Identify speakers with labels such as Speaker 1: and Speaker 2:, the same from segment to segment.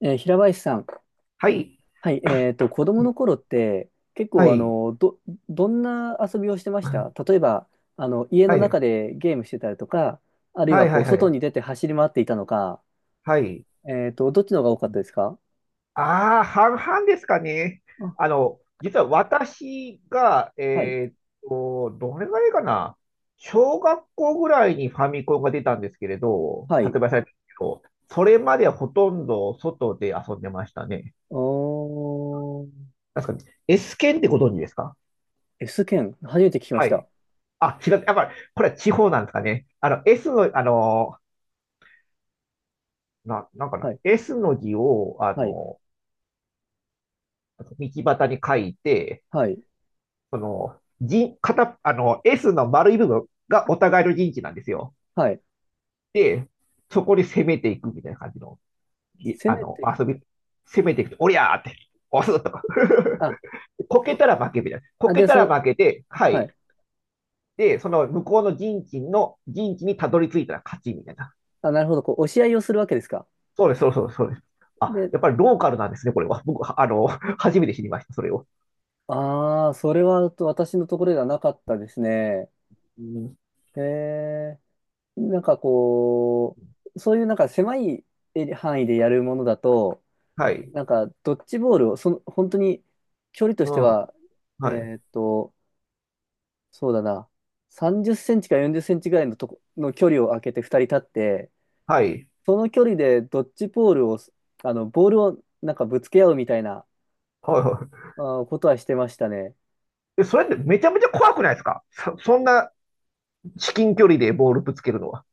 Speaker 1: 平林さん、
Speaker 2: はい。
Speaker 1: はい、子供の頃って結
Speaker 2: は
Speaker 1: 構
Speaker 2: い。
Speaker 1: どんな遊びをしてました？例えば、あの、家の
Speaker 2: はい。
Speaker 1: 中でゲームしてたりとか、あるい
Speaker 2: は
Speaker 1: は
Speaker 2: い
Speaker 1: こ
Speaker 2: は
Speaker 1: う、
Speaker 2: いは
Speaker 1: 外
Speaker 2: い。
Speaker 1: に出て走り回っていたのか、
Speaker 2: はい。
Speaker 1: えっと、どっちの方が多かったですか？
Speaker 2: ああ、半々ですかね。
Speaker 1: あ、
Speaker 2: あの、実は私が、
Speaker 1: はい、
Speaker 2: どれぐらいかな。小学校ぐらいにファミコンが出たんですけれど、
Speaker 1: はい。
Speaker 2: 発売されたんですけど、それまではほとんど外で遊んでましたね。
Speaker 1: おー、
Speaker 2: 確かに。S 剣ってご存知ですか？
Speaker 1: S 剣、初めて聞きまし
Speaker 2: はい。
Speaker 1: た。
Speaker 2: あ、違う。やっぱり、これは地方なんですかね。S の、なんか
Speaker 1: は
Speaker 2: な。
Speaker 1: い、
Speaker 2: S の字を、
Speaker 1: はい、
Speaker 2: 道端に書いて、
Speaker 1: はい、
Speaker 2: その、人、片、あの、S の丸い部分がお互いの陣地なんですよ。
Speaker 1: はい。
Speaker 2: で、そこに攻めていくみたいな感じの、
Speaker 1: 攻
Speaker 2: あ
Speaker 1: め
Speaker 2: の、
Speaker 1: ていくっ
Speaker 2: 遊
Speaker 1: て、
Speaker 2: び、攻めていくと、おりゃーって、押すとか。
Speaker 1: あ、
Speaker 2: こけ
Speaker 1: お、
Speaker 2: たら負けみたいな。こ
Speaker 1: あ、
Speaker 2: け
Speaker 1: で、
Speaker 2: た
Speaker 1: そ
Speaker 2: ら
Speaker 1: の、
Speaker 2: 負けて、は
Speaker 1: は
Speaker 2: い。
Speaker 1: い。
Speaker 2: で、その向こうの陣地の、陣地にたどり着いたら勝ちみたいな。
Speaker 1: あ、なるほど、こう、押し合いをするわけですか。
Speaker 2: そうです、そうです、そうです。あ、
Speaker 1: で、
Speaker 2: やっぱりローカルなんですね、これは。僕、あの、初めて知りました、それを。
Speaker 1: ああ、それはと私のところではなかったですね。
Speaker 2: うん。
Speaker 1: へえ。なんかこそういうなんか狭いエリ範囲でやるものだと、
Speaker 2: はい。
Speaker 1: なんかドッジボールを、その、本当に距離と
Speaker 2: う
Speaker 1: して
Speaker 2: ん。
Speaker 1: は、え
Speaker 2: はい。
Speaker 1: ーっと、そうだな、30センチか40センチぐらいのとこ、の距離を空けて2人立って、
Speaker 2: はい。
Speaker 1: その距離でドッジボールを、あの、ボールをなんかぶつけ合うみたいな、
Speaker 2: はい、はい。
Speaker 1: あーことはしてましたね。
Speaker 2: えそれってめちゃめちゃ怖くないですか？そんな至近距離でボールぶつけるのは。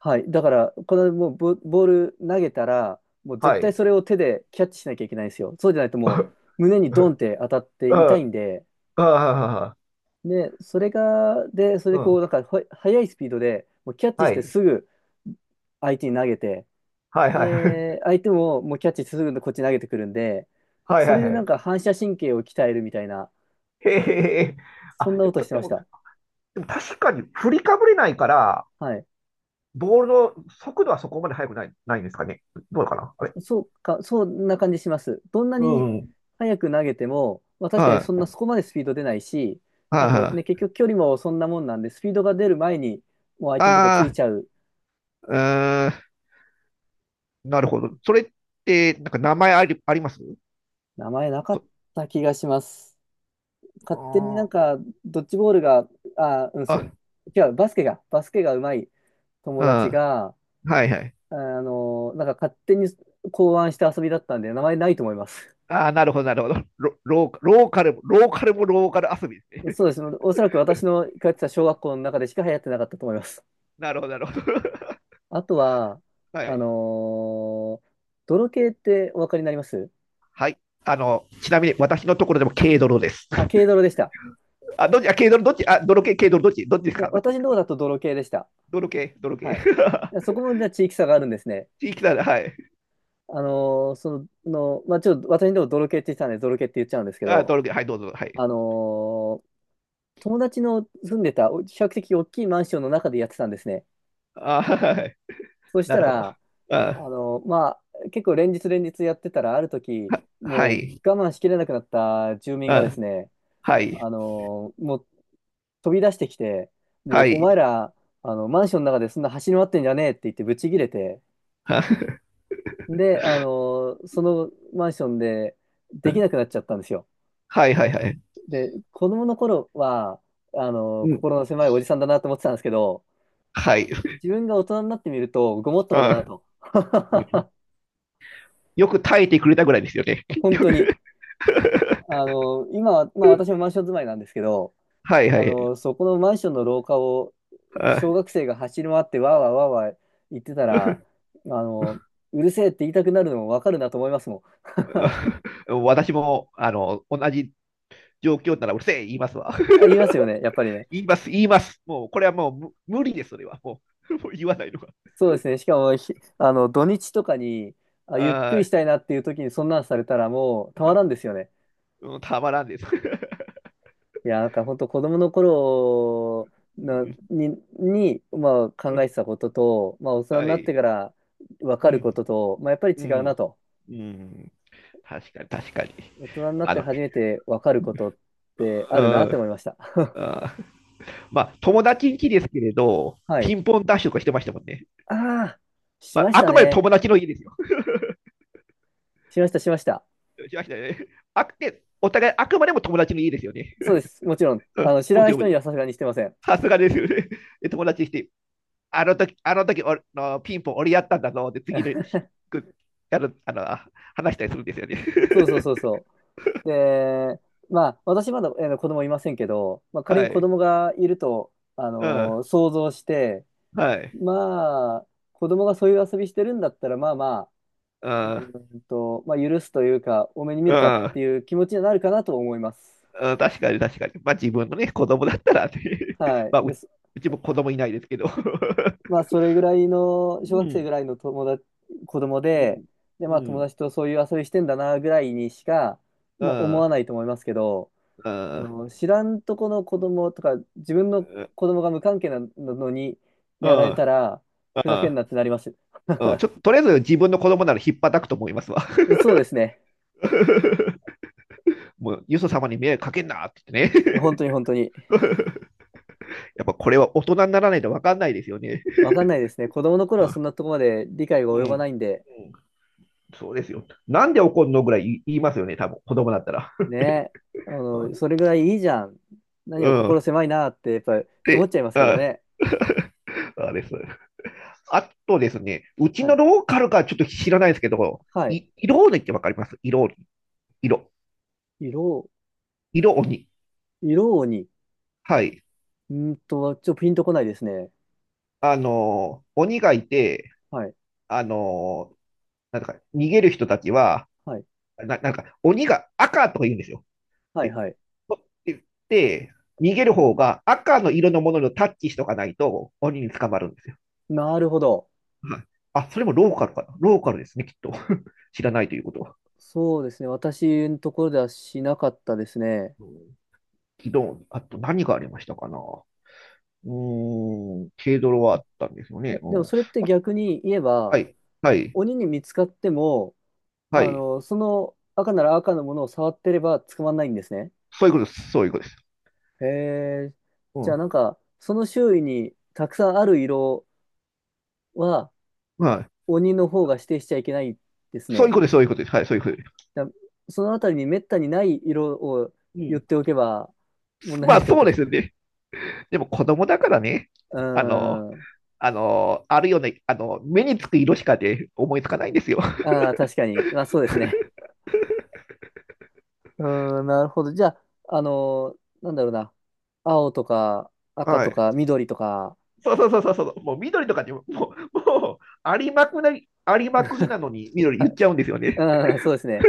Speaker 1: はい。だから、このもうボ、ボール投げたら、もう絶
Speaker 2: は
Speaker 1: 対
Speaker 2: い。
Speaker 1: それを手でキャッチしなきゃいけないんですよ。そうじゃないともう胸 に
Speaker 2: う
Speaker 1: ドンっ
Speaker 2: ん。
Speaker 1: て当たって痛いんで、
Speaker 2: ああ、
Speaker 1: で、それが、で、それ
Speaker 2: う
Speaker 1: でこう、
Speaker 2: ん。
Speaker 1: なんか、ほ速いスピードで、もうキャッチし
Speaker 2: は
Speaker 1: て
Speaker 2: い。
Speaker 1: すぐ相手に投げて、
Speaker 2: はいはい。
Speaker 1: で、相手ももうキャッチしてすぐこっちに投げてくるんで、
Speaker 2: はい。
Speaker 1: そ
Speaker 2: は
Speaker 1: れ
Speaker 2: いは
Speaker 1: で
Speaker 2: いは
Speaker 1: なん
Speaker 2: い。
Speaker 1: か反射神経を鍛えるみたいな、
Speaker 2: へえへえ。へえ。
Speaker 1: そん
Speaker 2: あ、
Speaker 1: な
Speaker 2: で
Speaker 1: こ
Speaker 2: も、
Speaker 1: として
Speaker 2: で
Speaker 1: まし
Speaker 2: も、
Speaker 1: た。
Speaker 2: でも確かに振りかぶれないから、
Speaker 1: はい。
Speaker 2: ボールの速度はそこまで速くない、ないんですかね。どうかなあれ。
Speaker 1: そうか、そんな感じします。どんな
Speaker 2: う
Speaker 1: に
Speaker 2: ん。
Speaker 1: 早く投げても、まあ、確かに
Speaker 2: は
Speaker 1: そんな
Speaker 2: い。
Speaker 1: そこまでスピード出ないし、
Speaker 2: は
Speaker 1: あ
Speaker 2: い
Speaker 1: とね、
Speaker 2: はい。
Speaker 1: 結局距離もそんなもんなんで、スピードが出る前にもう相手のとこ
Speaker 2: あ
Speaker 1: つい
Speaker 2: あ、
Speaker 1: ちゃう。
Speaker 2: うーん。なるほど。それって、なんか名前あり、あります
Speaker 1: 名前なか
Speaker 2: と？
Speaker 1: った気がします。
Speaker 2: あ
Speaker 1: 勝手になん
Speaker 2: ー、
Speaker 1: か、ドッジボールが、あ、うん、そう、
Speaker 2: あ、
Speaker 1: 違う、バスケがうまい
Speaker 2: う
Speaker 1: 友
Speaker 2: ん。
Speaker 1: 達
Speaker 2: は
Speaker 1: が、
Speaker 2: いはい。
Speaker 1: あの、なんか勝手に考案した遊びだったんで、名前ないと思います。
Speaker 2: ああ、なるほど、なるほど。ローカル遊びですね。
Speaker 1: そうです。おそらく私の通ってた小学校の中でしか流行ってなかったと思います。
Speaker 2: なるほど、なるほど。
Speaker 1: あとは、
Speaker 2: は
Speaker 1: あ
Speaker 2: い。
Speaker 1: のー泥系ってお分かりになります？
Speaker 2: はい。あの、ちなみに私のところでも軽泥です。
Speaker 1: あ、軽 泥でした。
Speaker 2: あ、どっち、あ、軽泥、どっち、あ、泥系、軽泥、どっち、どっちです
Speaker 1: いや、
Speaker 2: か、どっちで
Speaker 1: 私
Speaker 2: す
Speaker 1: のとこ
Speaker 2: か。
Speaker 1: だと泥系でした。
Speaker 2: 泥系、泥系。
Speaker 1: はい。いや そこもじゃあ地域差があるんですね。
Speaker 2: 地域なら、はい。
Speaker 1: あのーその、まあ、ちょっと私のとこ泥系って言ってたんで、泥系って言っちゃうんですけ
Speaker 2: あ、
Speaker 1: ど、
Speaker 2: 泥系、はい、どうぞ、はい。
Speaker 1: あのー友達の住んでた、お比較的大きいマンションの中でやってたんですね。
Speaker 2: あ、はい。
Speaker 1: そし
Speaker 2: な
Speaker 1: た
Speaker 2: るほど。
Speaker 1: ら、
Speaker 2: あ、
Speaker 1: まあ、結構連日やってたら、ある時、
Speaker 2: は
Speaker 1: もう
Speaker 2: い。
Speaker 1: 我慢しきれなくなった住民がで
Speaker 2: あ、
Speaker 1: すね、
Speaker 2: はい。
Speaker 1: もう飛び出してきて、も
Speaker 2: は
Speaker 1: うお前
Speaker 2: い。
Speaker 1: ら、あの、マンションの中でそんな走り回ってんじゃねえって言ってブチ切れて、
Speaker 2: あ、
Speaker 1: で、あの、そのマンションでできなくなっちゃったんですよ。
Speaker 2: はい、はい、はい。
Speaker 1: で、子供の頃は、あの、
Speaker 2: うん。
Speaker 1: 心の狭いおじさんだなと思ってたんですけど、
Speaker 2: はい。
Speaker 1: 自分が大人になってみると、ごもっともだな
Speaker 2: あ、
Speaker 1: と。
Speaker 2: よく耐えてくれたぐらいですよね。
Speaker 1: 本当に。あ の、今は、まあ私もマンション住まいなんですけど、
Speaker 2: はい、は
Speaker 1: あ
Speaker 2: い。
Speaker 1: の、そこのマンションの廊下を
Speaker 2: あ、
Speaker 1: 小学生が走り回ってわーわーわーわー言ってたら、あの、うるせえって言いたくなるのもわかるなと思いますもん。
Speaker 2: うん、私も、あの、同じ状況ならうるせえ言いますわ。
Speaker 1: あ、言いますよね、やっぱりね。
Speaker 2: 言います、言います。もう、これはもう無理です、それは。もう言わないのが。
Speaker 1: そうですね。しかも、ひあの、土日とかに、あ、ゆっくり
Speaker 2: あ
Speaker 1: したいなっていう時にそんなんされたらもうたまらんですよね。
Speaker 2: ー、うん、たまらんです。
Speaker 1: いや、なんか本当子供の頃
Speaker 2: う
Speaker 1: な
Speaker 2: ん。
Speaker 1: に、まあ考えてたことと、まあ大人に
Speaker 2: は
Speaker 1: なって
Speaker 2: い。
Speaker 1: からわ
Speaker 2: う
Speaker 1: かるこ
Speaker 2: ん、
Speaker 1: とと、まあやっぱり
Speaker 2: う
Speaker 1: 違うな
Speaker 2: ん、
Speaker 1: と。
Speaker 2: うん。確かに、確かに。
Speaker 1: 大人になっ
Speaker 2: あ
Speaker 1: て
Speaker 2: の、
Speaker 1: 初めて分かることってあ
Speaker 2: う
Speaker 1: るなって思い
Speaker 2: ん、
Speaker 1: ました。
Speaker 2: あー、まあ、友達ん家ですけれど、
Speaker 1: は
Speaker 2: ピ
Speaker 1: い。
Speaker 2: ンポンダッシュとかしてましたもんね。
Speaker 1: ああ、し
Speaker 2: まあ、
Speaker 1: まし
Speaker 2: あ
Speaker 1: た
Speaker 2: くまで
Speaker 1: ね。
Speaker 2: 友達の家ですよ。
Speaker 1: しました、しました。
Speaker 2: しましたよね。あくて、お互いあくまでも友達の家ですよね。
Speaker 1: そうです。もちろん、
Speaker 2: う
Speaker 1: あ
Speaker 2: ん、
Speaker 1: の、知ら
Speaker 2: も
Speaker 1: な
Speaker 2: ち
Speaker 1: い
Speaker 2: ろん、も
Speaker 1: 人
Speaker 2: ち
Speaker 1: に
Speaker 2: ろん。
Speaker 1: はさすがにしてません。
Speaker 2: さすがですよね。で、友達にして、あの時俺のピンポン俺やったんだぞって次の 日くやるあのあ話したりするんですよね。
Speaker 1: そうそうそうそう。で、まあ、私まだ、子供いませんけど、まあ、仮
Speaker 2: は
Speaker 1: に子
Speaker 2: い。
Speaker 1: 供がいると、
Speaker 2: うん。
Speaker 1: 想像して、
Speaker 2: はい。
Speaker 1: まあ、子供がそういう遊びしてるんだったら、まあまあ、
Speaker 2: うん。う
Speaker 1: まあ、許すというか、多めに見るかっ
Speaker 2: ん。
Speaker 1: ていう気持ちになるかなと思います。
Speaker 2: うん、確かに確かに。まあ自分のね、子供だったらね、
Speaker 1: は
Speaker 2: まあ
Speaker 1: い。
Speaker 2: う、
Speaker 1: で、
Speaker 2: うちも子供いないですけど。
Speaker 1: まあ、それぐらいの、小
Speaker 2: う
Speaker 1: 学生
Speaker 2: ん。
Speaker 1: ぐらいの友達、子供
Speaker 2: う
Speaker 1: で、
Speaker 2: ん。
Speaker 1: で、ま
Speaker 2: う
Speaker 1: あ、友
Speaker 2: ん。
Speaker 1: 達とそういう遊びしてんだな、ぐらいにしか、
Speaker 2: う
Speaker 1: まあ、思わ
Speaker 2: ん。
Speaker 1: ないと思いますけど、
Speaker 2: う
Speaker 1: あ
Speaker 2: ん。
Speaker 1: の、知らんとこの子供とか、自分の子供が無関係なのに
Speaker 2: う
Speaker 1: やられた
Speaker 2: ん。
Speaker 1: ら、ふざけんなってなります。
Speaker 2: うん。ちょっと、とりあえず自分の子供なら引っ叩くと思いますわ。
Speaker 1: そうですね。
Speaker 2: もう、よそ様に迷惑かけんなって言ってね。
Speaker 1: 本当に本当に。
Speaker 2: やっぱこれは大人にならないと分かんないですよね。
Speaker 1: わかんないですね。子供の 頃はそ
Speaker 2: あ、
Speaker 1: んなとこまで理解が
Speaker 2: う
Speaker 1: 及
Speaker 2: ん。う
Speaker 1: ばな
Speaker 2: ん、
Speaker 1: いんで、
Speaker 2: そうですよ。なんで怒んのぐらい言いますよね、多分子供だったら。
Speaker 1: ね、あの、それぐらいいいじゃん。何
Speaker 2: う
Speaker 1: を心
Speaker 2: ん。
Speaker 1: 狭いなって、やっぱり思っ
Speaker 2: で、
Speaker 1: ちゃいますけどね。
Speaker 2: あです。あとですね、うち
Speaker 1: は
Speaker 2: の
Speaker 1: い。
Speaker 2: ローカルかちょっと知らないですけど、
Speaker 1: はい。
Speaker 2: 色鬼って分かります？色鬼。色。
Speaker 1: 色、
Speaker 2: 色鬼。
Speaker 1: 色に、
Speaker 2: はい。
Speaker 1: んーんとは、ちょっとピンとこないですね。
Speaker 2: あの鬼がいて、
Speaker 1: はい。
Speaker 2: あの、なんか、逃げる人たちは、
Speaker 1: はい。
Speaker 2: なんか、鬼が赤とか言うんですよ。
Speaker 1: はい、
Speaker 2: で、
Speaker 1: はい。
Speaker 2: 取ってって、逃げる方が赤の色のものにタッチしとかないと鬼に捕まるんですよ。
Speaker 1: なるほど。
Speaker 2: はい。あ、それもローカルかな。ローカルですね、きっと。知らないということは。
Speaker 1: そうですね。私のところではしなかったですね。
Speaker 2: うん。昨日、あと何がありましたかな。うーん、軽泥はあったんですよ
Speaker 1: え、
Speaker 2: ね。う
Speaker 1: でも
Speaker 2: ん。あ、
Speaker 1: それって逆に言え
Speaker 2: は
Speaker 1: ば、
Speaker 2: い、はい、
Speaker 1: 鬼に見つかっても、
Speaker 2: は
Speaker 1: あ
Speaker 2: い。
Speaker 1: の、その赤なら赤のものを触ってれば捕まらないんですね。
Speaker 2: そういうことです。そういうことです。
Speaker 1: へえ。
Speaker 2: う
Speaker 1: じゃあなん
Speaker 2: ん。
Speaker 1: か、その周囲にたくさんある色は、
Speaker 2: はい。
Speaker 1: 鬼の方が指定しちゃいけないです
Speaker 2: そういう
Speaker 1: ね。
Speaker 2: ことです。そういうことです。はい、そういうことです。
Speaker 1: だそのあたりにめったにない色を
Speaker 2: う
Speaker 1: 言っ
Speaker 2: ん。
Speaker 1: ておけば問題な
Speaker 2: ま
Speaker 1: いっ
Speaker 2: あ、
Speaker 1: てこ
Speaker 2: そう
Speaker 1: と。
Speaker 2: ですよね。でも子供だからね、
Speaker 1: うー
Speaker 2: あの、
Speaker 1: ん。
Speaker 2: あの、あるよね、あの、目につく色しかで思いつかないんですよ。
Speaker 1: ああ、確かに。まあ、そうですね。うーん、なるほど。じゃあ、あのなんだろうな。青とか赤
Speaker 2: は
Speaker 1: と
Speaker 2: い。
Speaker 1: か緑とか。
Speaker 2: そうそうそうそうそう、もう緑とかにも、もう、もうありまくり、ありまくりな のに緑言
Speaker 1: あ
Speaker 2: っちゃうんですよね。
Speaker 1: うん、そうですね。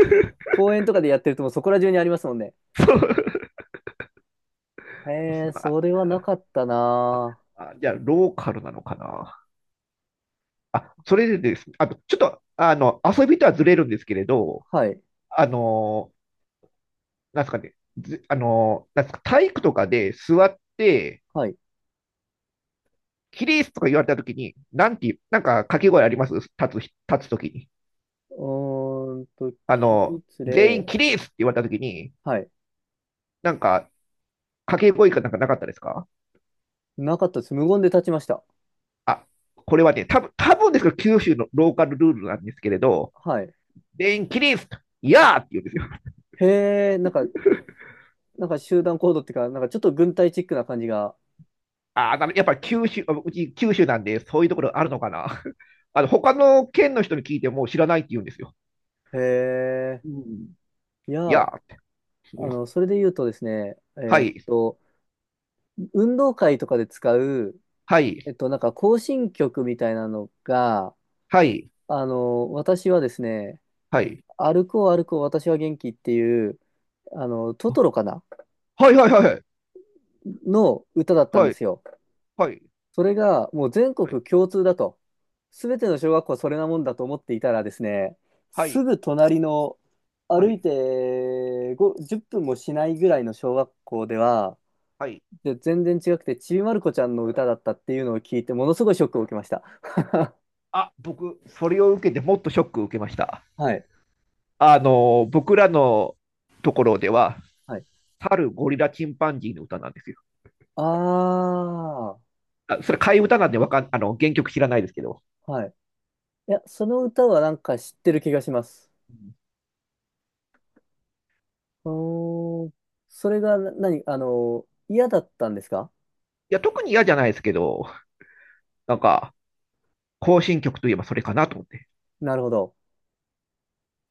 Speaker 1: 公園とかでやってるともうそこら中にありますもんね。
Speaker 2: そう。
Speaker 1: へえ、そ
Speaker 2: あ
Speaker 1: れはなかったな。
Speaker 2: あ、じゃあ、ローカルなのかな。あ、それでですね、あと、ちょっと、あの、遊びとはずれるんですけれど、
Speaker 1: はい。
Speaker 2: あの、なんですかね、ずあの、なんですか、体育とかで座って、
Speaker 1: はい。
Speaker 2: キリースとか言われたときに、なんていう、なんか掛け声あります？立つときに。
Speaker 1: うーんと、
Speaker 2: あ
Speaker 1: 起
Speaker 2: の、
Speaker 1: 立
Speaker 2: 全員
Speaker 1: 例。
Speaker 2: 起立って言われたときに、
Speaker 1: はい。
Speaker 2: なんか、掛け声かなんかなかったですか？
Speaker 1: なかったです。無言で立ちました。
Speaker 2: あ、これはね、多分ですけど、九州のローカルルールなんですけれど、
Speaker 1: はい。
Speaker 2: 全員起立いやーって言うんですよ。
Speaker 1: へえ、なんか、なんか集団行動っていうか、なんかちょっと軍隊チックな感じが。
Speaker 2: ああ、やっぱり九州、あ、うち九州なんで、そういうところあるのかな。あの、他の県の人に聞いても知らないって言うんですよ。
Speaker 1: へ
Speaker 2: う
Speaker 1: え。
Speaker 2: ん。
Speaker 1: い
Speaker 2: い
Speaker 1: や、
Speaker 2: や
Speaker 1: あ
Speaker 2: ーって。うん。
Speaker 1: の、それで言うとですね、
Speaker 2: はい、
Speaker 1: 運動会とかで使う、
Speaker 2: は
Speaker 1: え
Speaker 2: い、
Speaker 1: っと、なんか行進曲みたいなのが、
Speaker 2: はい、
Speaker 1: あの、私はですね、
Speaker 2: はい。
Speaker 1: 歩こう歩こう私は元気っていう、あの、ト
Speaker 2: あ、
Speaker 1: トロかな
Speaker 2: はい、はい、はい、
Speaker 1: の歌だったん
Speaker 2: は
Speaker 1: で
Speaker 2: い、
Speaker 1: すよ。
Speaker 2: はい、
Speaker 1: それがもう全
Speaker 2: はい、
Speaker 1: 国共通だと。すべての小学校はそれなもんだと思っていたらですね、
Speaker 2: は
Speaker 1: す
Speaker 2: い、
Speaker 1: ぐ隣の
Speaker 2: は
Speaker 1: 歩い
Speaker 2: い。
Speaker 1: てご10分もしないぐらいの小学校では、
Speaker 2: はい。
Speaker 1: で全然違くて、ちびまる子ちゃんの歌だったっていうのを聞いて、ものすごいショックを受けました。
Speaker 2: あ、僕、それを受けてもっとショックを受けました。
Speaker 1: はい。
Speaker 2: あの、僕らのところでは、
Speaker 1: はい。
Speaker 2: 猿、ゴリラ、チンパンジーの歌なんですよ。
Speaker 1: ああ、は
Speaker 2: あ、それ替え歌なんでわかん、あの、原曲知らないですけど。
Speaker 1: い。いや、その歌はなんか知ってる気がします。うーん。それがな何、あの、嫌だったんですか？
Speaker 2: いや、特に嫌じゃないですけど、なんか、行進曲といえばそれかなと思って。
Speaker 1: なるほど。